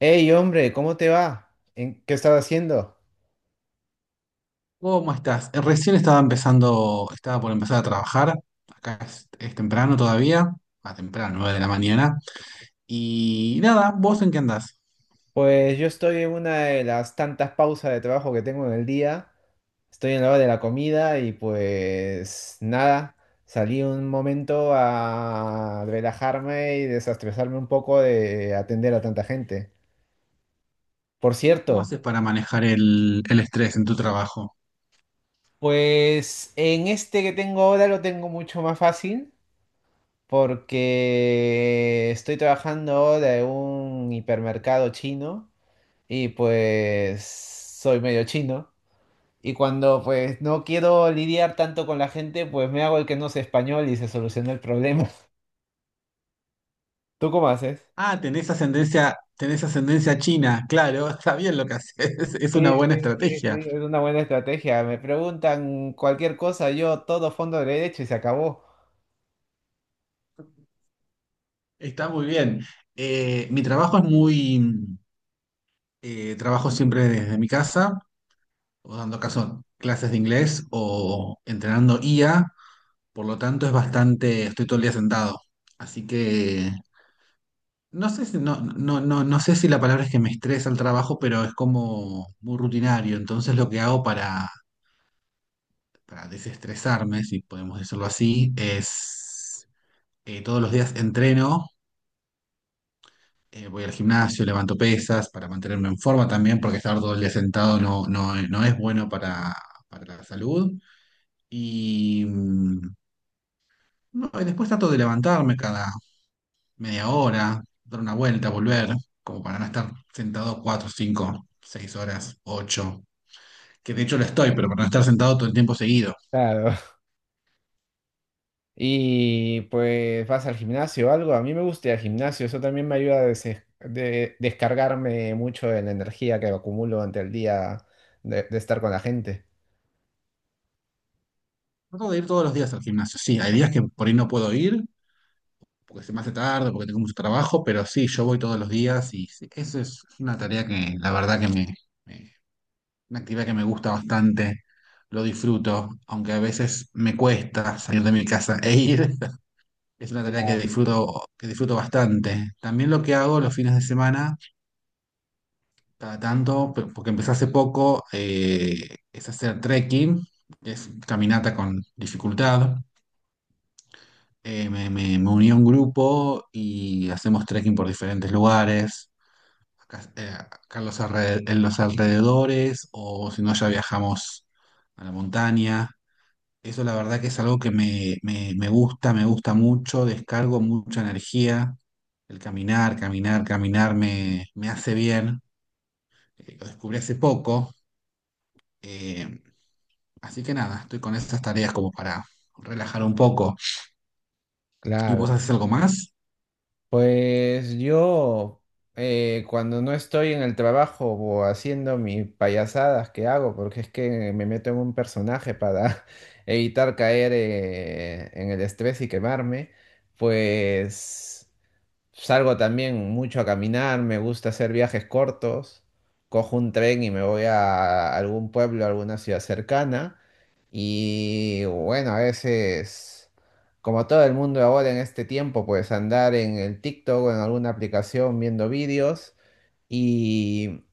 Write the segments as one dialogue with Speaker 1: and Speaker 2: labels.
Speaker 1: Hey, hombre, ¿cómo te va? ¿En qué estás haciendo?
Speaker 2: ¿Cómo estás? Recién estaba empezando, estaba por empezar a trabajar. Acá es temprano todavía, 9 de la mañana. Y nada, ¿vos en qué andás?
Speaker 1: Pues yo estoy en una de las tantas pausas de trabajo que tengo en el día. Estoy en la hora de la comida y pues nada, salí un momento a relajarme y desestresarme un poco de atender a tanta gente. Por
Speaker 2: ¿Cómo
Speaker 1: cierto,
Speaker 2: haces para manejar el estrés en tu trabajo?
Speaker 1: pues en este que tengo ahora lo tengo mucho más fácil porque estoy trabajando de un hipermercado chino. Y pues soy medio chino. Y cuando pues no quiero lidiar tanto con la gente, pues me hago el que no sé español y se soluciona el problema. ¿Tú cómo haces?
Speaker 2: Ah, tenés ascendencia china, claro, está bien lo que haces, es una
Speaker 1: Sí,
Speaker 2: buena
Speaker 1: sí, sí, sí,
Speaker 2: estrategia,
Speaker 1: es una buena estrategia. Me preguntan cualquier cosa, yo todo fondo derecho y se acabó.
Speaker 2: está muy bien. Mi trabajo trabajo siempre desde mi casa, o dando caso clases de inglés o entrenando IA. Por lo tanto, es bastante, estoy todo el día sentado. Así que no sé si, no, no, no, no sé si la palabra es que me estresa el trabajo, pero es como muy rutinario. Entonces lo que hago para, desestresarme, si podemos decirlo así, es todos los días entreno, voy al gimnasio, levanto pesas para mantenerme en forma también, porque estar todo el día sentado no es bueno para la salud. Y no, y después trato de levantarme cada media hora, dar una vuelta, volver, como para no estar sentado cuatro, cinco, seis horas, ocho, que de hecho lo estoy, pero para no estar sentado todo el tiempo seguido.
Speaker 1: Claro. Y pues vas al gimnasio o algo. A mí me gusta ir al gimnasio, eso también me ayuda a descargarme mucho de la energía que acumulo ante el día de estar con la gente.
Speaker 2: Trato de ir todos los días al gimnasio. Sí, hay días que por ahí no puedo ir, porque se me hace tarde, porque tengo mucho trabajo, pero sí, yo voy todos los días y sí, eso es una tarea que la verdad que me- una actividad que me gusta bastante, lo disfruto, aunque a veces me cuesta salir de mi casa e ir. Es una tarea
Speaker 1: Ya.
Speaker 2: que disfruto bastante. También lo que hago los fines de semana, cada tanto, porque empecé hace poco, es hacer trekking, que es caminata con dificultad. Me uní a un grupo y hacemos trekking por diferentes lugares, acá, en los alrededores, o si no, ya viajamos a la montaña. Eso la verdad que es algo que me gusta mucho, descargo mucha energía. El caminar, caminar, caminar me hace bien. Lo descubrí hace poco. eh, Así que nada, estoy con estas tareas como para relajar un poco. ¿Y vos
Speaker 1: Claro.
Speaker 2: haces algo más?
Speaker 1: Pues yo, cuando no estoy en el trabajo o haciendo mis payasadas que hago, porque es que me meto en un personaje para evitar caer en el estrés y quemarme, pues salgo también mucho a caminar, me gusta hacer viajes cortos. Cojo un tren y me voy a algún pueblo, a alguna ciudad cercana. Y bueno, a veces, como todo el mundo ahora en este tiempo, pues andar en el TikTok o en alguna aplicación viendo vídeos. Y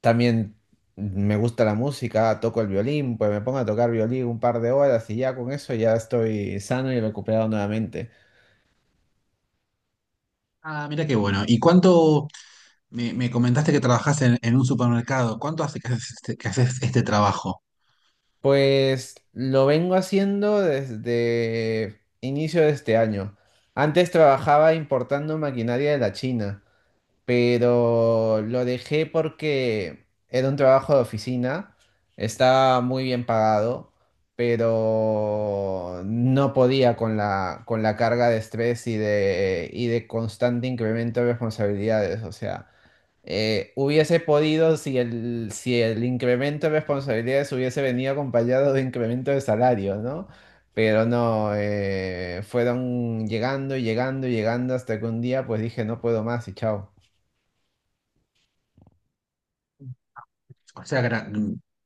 Speaker 1: también me gusta la música, toco el violín, pues me pongo a tocar violín un par de horas y ya con eso ya estoy sano y recuperado nuevamente.
Speaker 2: Ah, mira qué bueno. ¿Y cuánto me comentaste que trabajás en un supermercado? ¿Cuánto hace que haces este trabajo?
Speaker 1: Pues lo vengo haciendo desde inicio de este año. Antes trabajaba importando maquinaria de la China, pero lo dejé porque era un trabajo de oficina, estaba muy bien pagado, pero no podía con la carga de estrés y de constante incremento de responsabilidades. O sea, hubiese podido si el incremento de responsabilidades hubiese venido acompañado de incremento de salario, ¿no? Pero no, fueron llegando y llegando y llegando hasta que un día pues dije no puedo más y chao.
Speaker 2: O sea,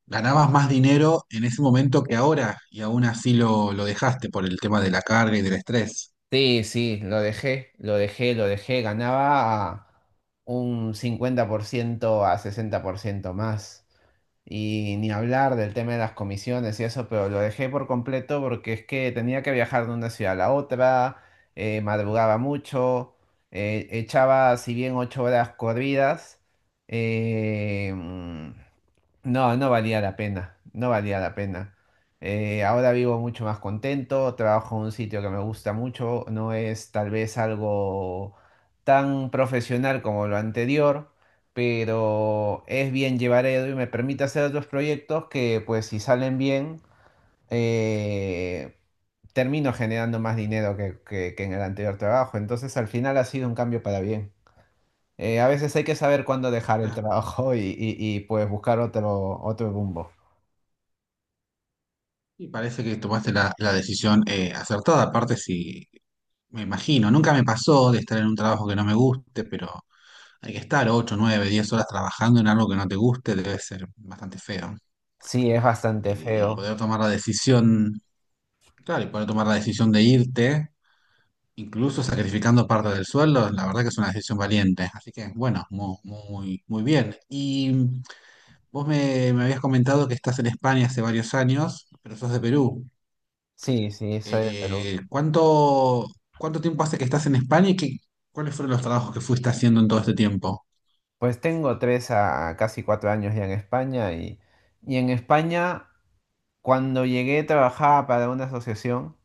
Speaker 2: ganabas más dinero en ese momento que ahora y aún así lo dejaste por el tema de la carga y del estrés.
Speaker 1: Sí, sí, lo dejé, lo dejé, lo dejé, ganaba un 50% a 60% más. Y ni hablar del tema de las comisiones y eso, pero lo dejé por completo porque es que tenía que viajar de una ciudad a la otra, madrugaba mucho, echaba si bien 8 horas corridas, eh, mm, no, no valía la pena, no valía la pena. Ahora vivo mucho más contento, trabajo en un sitio que me gusta mucho, no es tal vez algo tan profesional como lo anterior, pero es bien llevar a y me permite hacer otros proyectos que pues si salen bien, eh, termino generando más dinero que en el anterior trabajo. Entonces al final ha sido un cambio para bien. A veces hay que saber cuándo dejar el
Speaker 2: Ah,
Speaker 1: trabajo pues buscar otro rumbo.
Speaker 2: y parece que tomaste la decisión acertada, aparte si me imagino, nunca me pasó de estar en un trabajo que no me guste, pero hay que estar 8 9 10 horas trabajando en algo que no te guste, debe ser bastante feo.
Speaker 1: Sí, es
Speaker 2: Eh,
Speaker 1: bastante, sí,
Speaker 2: Y
Speaker 1: feo.
Speaker 2: poder tomar la decisión, Claro, y poder tomar la decisión de irte incluso sacrificando parte del sueldo, la verdad que es una decisión valiente. Así que, bueno, muy, muy, bien. Y vos me habías comentado que estás en España hace varios años, pero sos de Perú.
Speaker 1: Sí, sí, soy de Perú.
Speaker 2: Eh, ¿cuánto, cuánto tiempo hace que estás en España y cuáles fueron los trabajos que fuiste haciendo en todo este tiempo?
Speaker 1: Pues tengo 3 a casi 4 años ya en España y en España cuando llegué trabajaba para una asociación.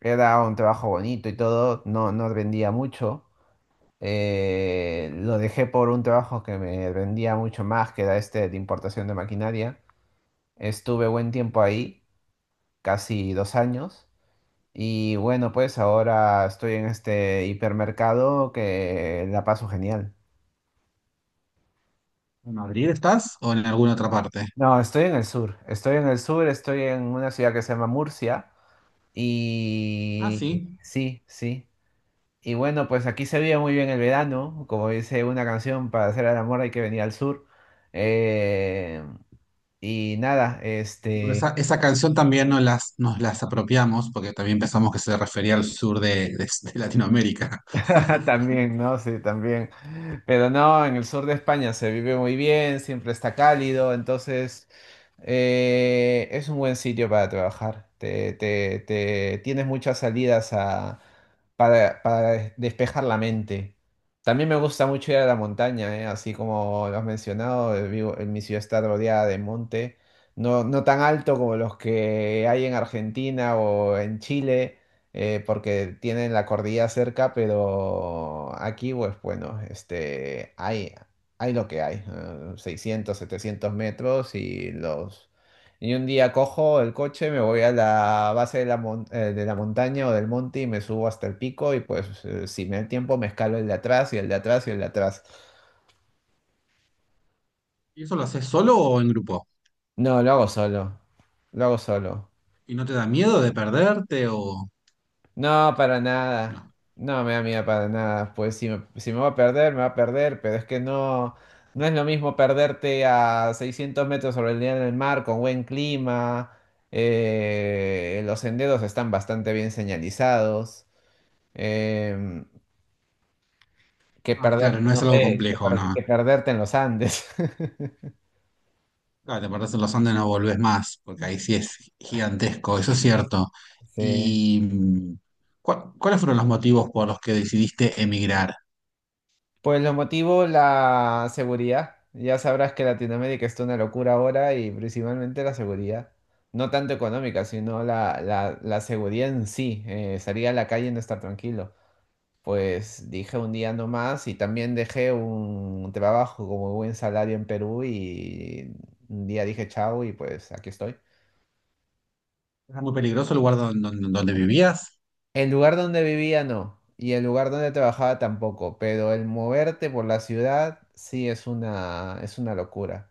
Speaker 1: Era un trabajo bonito y todo, no, no rendía mucho. Lo dejé por un trabajo que me rendía mucho más, que era este de importación de maquinaria. Estuve buen tiempo ahí, casi 2 años. Y bueno, pues ahora estoy en este hipermercado que la paso genial.
Speaker 2: ¿En Madrid estás o en alguna otra parte?
Speaker 1: No, estoy en el sur. Estoy en el sur, estoy en una ciudad que se llama Murcia.
Speaker 2: Ah,
Speaker 1: Y
Speaker 2: sí.
Speaker 1: sí, sí. Y bueno, pues aquí se vive muy bien el verano, como dice una canción, para hacer el amor hay que venir al sur. Eh, y nada,
Speaker 2: Bueno,
Speaker 1: este,
Speaker 2: esa canción también nos las apropiamos porque también pensamos que se refería al sur de, de Latinoamérica.
Speaker 1: también, ¿no? Sí, también. Pero no, en el sur de España se vive muy bien, siempre está cálido, entonces es un buen sitio para trabajar. Tienes muchas salidas para despejar la mente. También me gusta mucho ir a la montaña, ¿eh? Así como lo has mencionado, vivo, en mi ciudad está rodeada de monte, no, no tan alto como los que hay en Argentina o en Chile, porque tienen la cordillera cerca, pero aquí, pues bueno, este, hay lo que hay, 600, 700 metros y los... Y un día cojo el coche, me voy a la base de la montaña o del monte y me subo hasta el pico y pues si me da el tiempo me escalo el de atrás y el de atrás y el de atrás.
Speaker 2: ¿Y eso lo haces solo o en grupo?
Speaker 1: No, lo hago solo, lo hago solo.
Speaker 2: ¿Y no te da miedo de perderte o
Speaker 1: No, para nada.
Speaker 2: no?
Speaker 1: No me da miedo para nada. Pues si me va a perder, me va a perder, pero es que no, no es lo mismo perderte a 600 metros sobre el nivel del mar con buen clima. Los senderos están bastante bien señalizados. em, que
Speaker 2: Ah, claro,
Speaker 1: perderte,
Speaker 2: no
Speaker 1: no
Speaker 2: es algo
Speaker 1: sé, que,
Speaker 2: complejo,
Speaker 1: per-
Speaker 2: no.
Speaker 1: que perderte en los Andes.
Speaker 2: Claro, te perdés en los Andes, y no volvés más, porque ahí sí es gigantesco, eso es cierto.
Speaker 1: Sí.
Speaker 2: ¿Y cuáles fueron los motivos por los que decidiste emigrar?
Speaker 1: Pues los motivos, la seguridad. Ya sabrás que Latinoamérica está una locura ahora y principalmente la seguridad. No tanto económica, sino la seguridad en sí. Salir a la calle y no estar tranquilo. Pues dije un día no más y también dejé un trabajo como buen salario en Perú y un día dije chao y pues aquí estoy.
Speaker 2: ¿Era muy peligroso el lugar donde vivías?
Speaker 1: El lugar donde vivía no, y el lugar donde trabajaba tampoco, pero el moverte por la ciudad sí es una locura.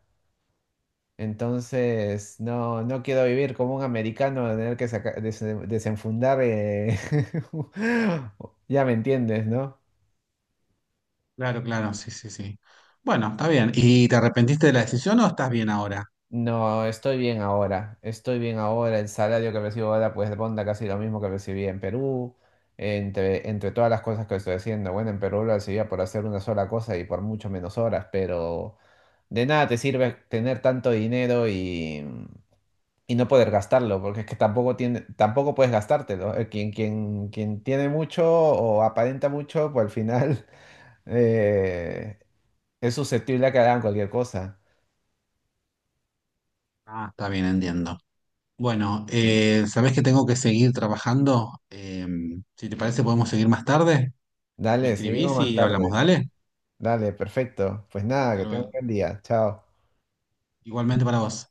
Speaker 1: Entonces, no, no quiero vivir como un americano, de tener que desenfundar. Ya me entiendes, ¿no?
Speaker 2: Claro, claro, sí, sí, sí. Bueno, está bien. ¿Y te arrepentiste de la decisión o estás bien ahora?
Speaker 1: No, estoy bien ahora. Estoy bien ahora. El salario que recibo ahora, pues ronda casi lo mismo que recibí en Perú. Entre todas las cosas que estoy haciendo. Bueno, en Perú lo recibía por hacer una sola cosa y por mucho menos horas, pero de nada te sirve tener tanto dinero y no poder gastarlo, porque es que tampoco tiene, tampoco puedes gastártelo. Quien tiene mucho o aparenta mucho, pues al final eh, es susceptible a que hagan cualquier cosa.
Speaker 2: Ah, está bien, entiendo. Bueno, ¿sabés que tengo que seguir trabajando? Si te parece, podemos seguir más tarde. Me
Speaker 1: Dale, seguimos
Speaker 2: escribís
Speaker 1: más
Speaker 2: y hablamos,
Speaker 1: tarde.
Speaker 2: dale.
Speaker 1: Dale, perfecto. Pues nada,
Speaker 2: Hasta
Speaker 1: que tengan un
Speaker 2: luego.
Speaker 1: buen día. Chao.
Speaker 2: Igualmente para vos.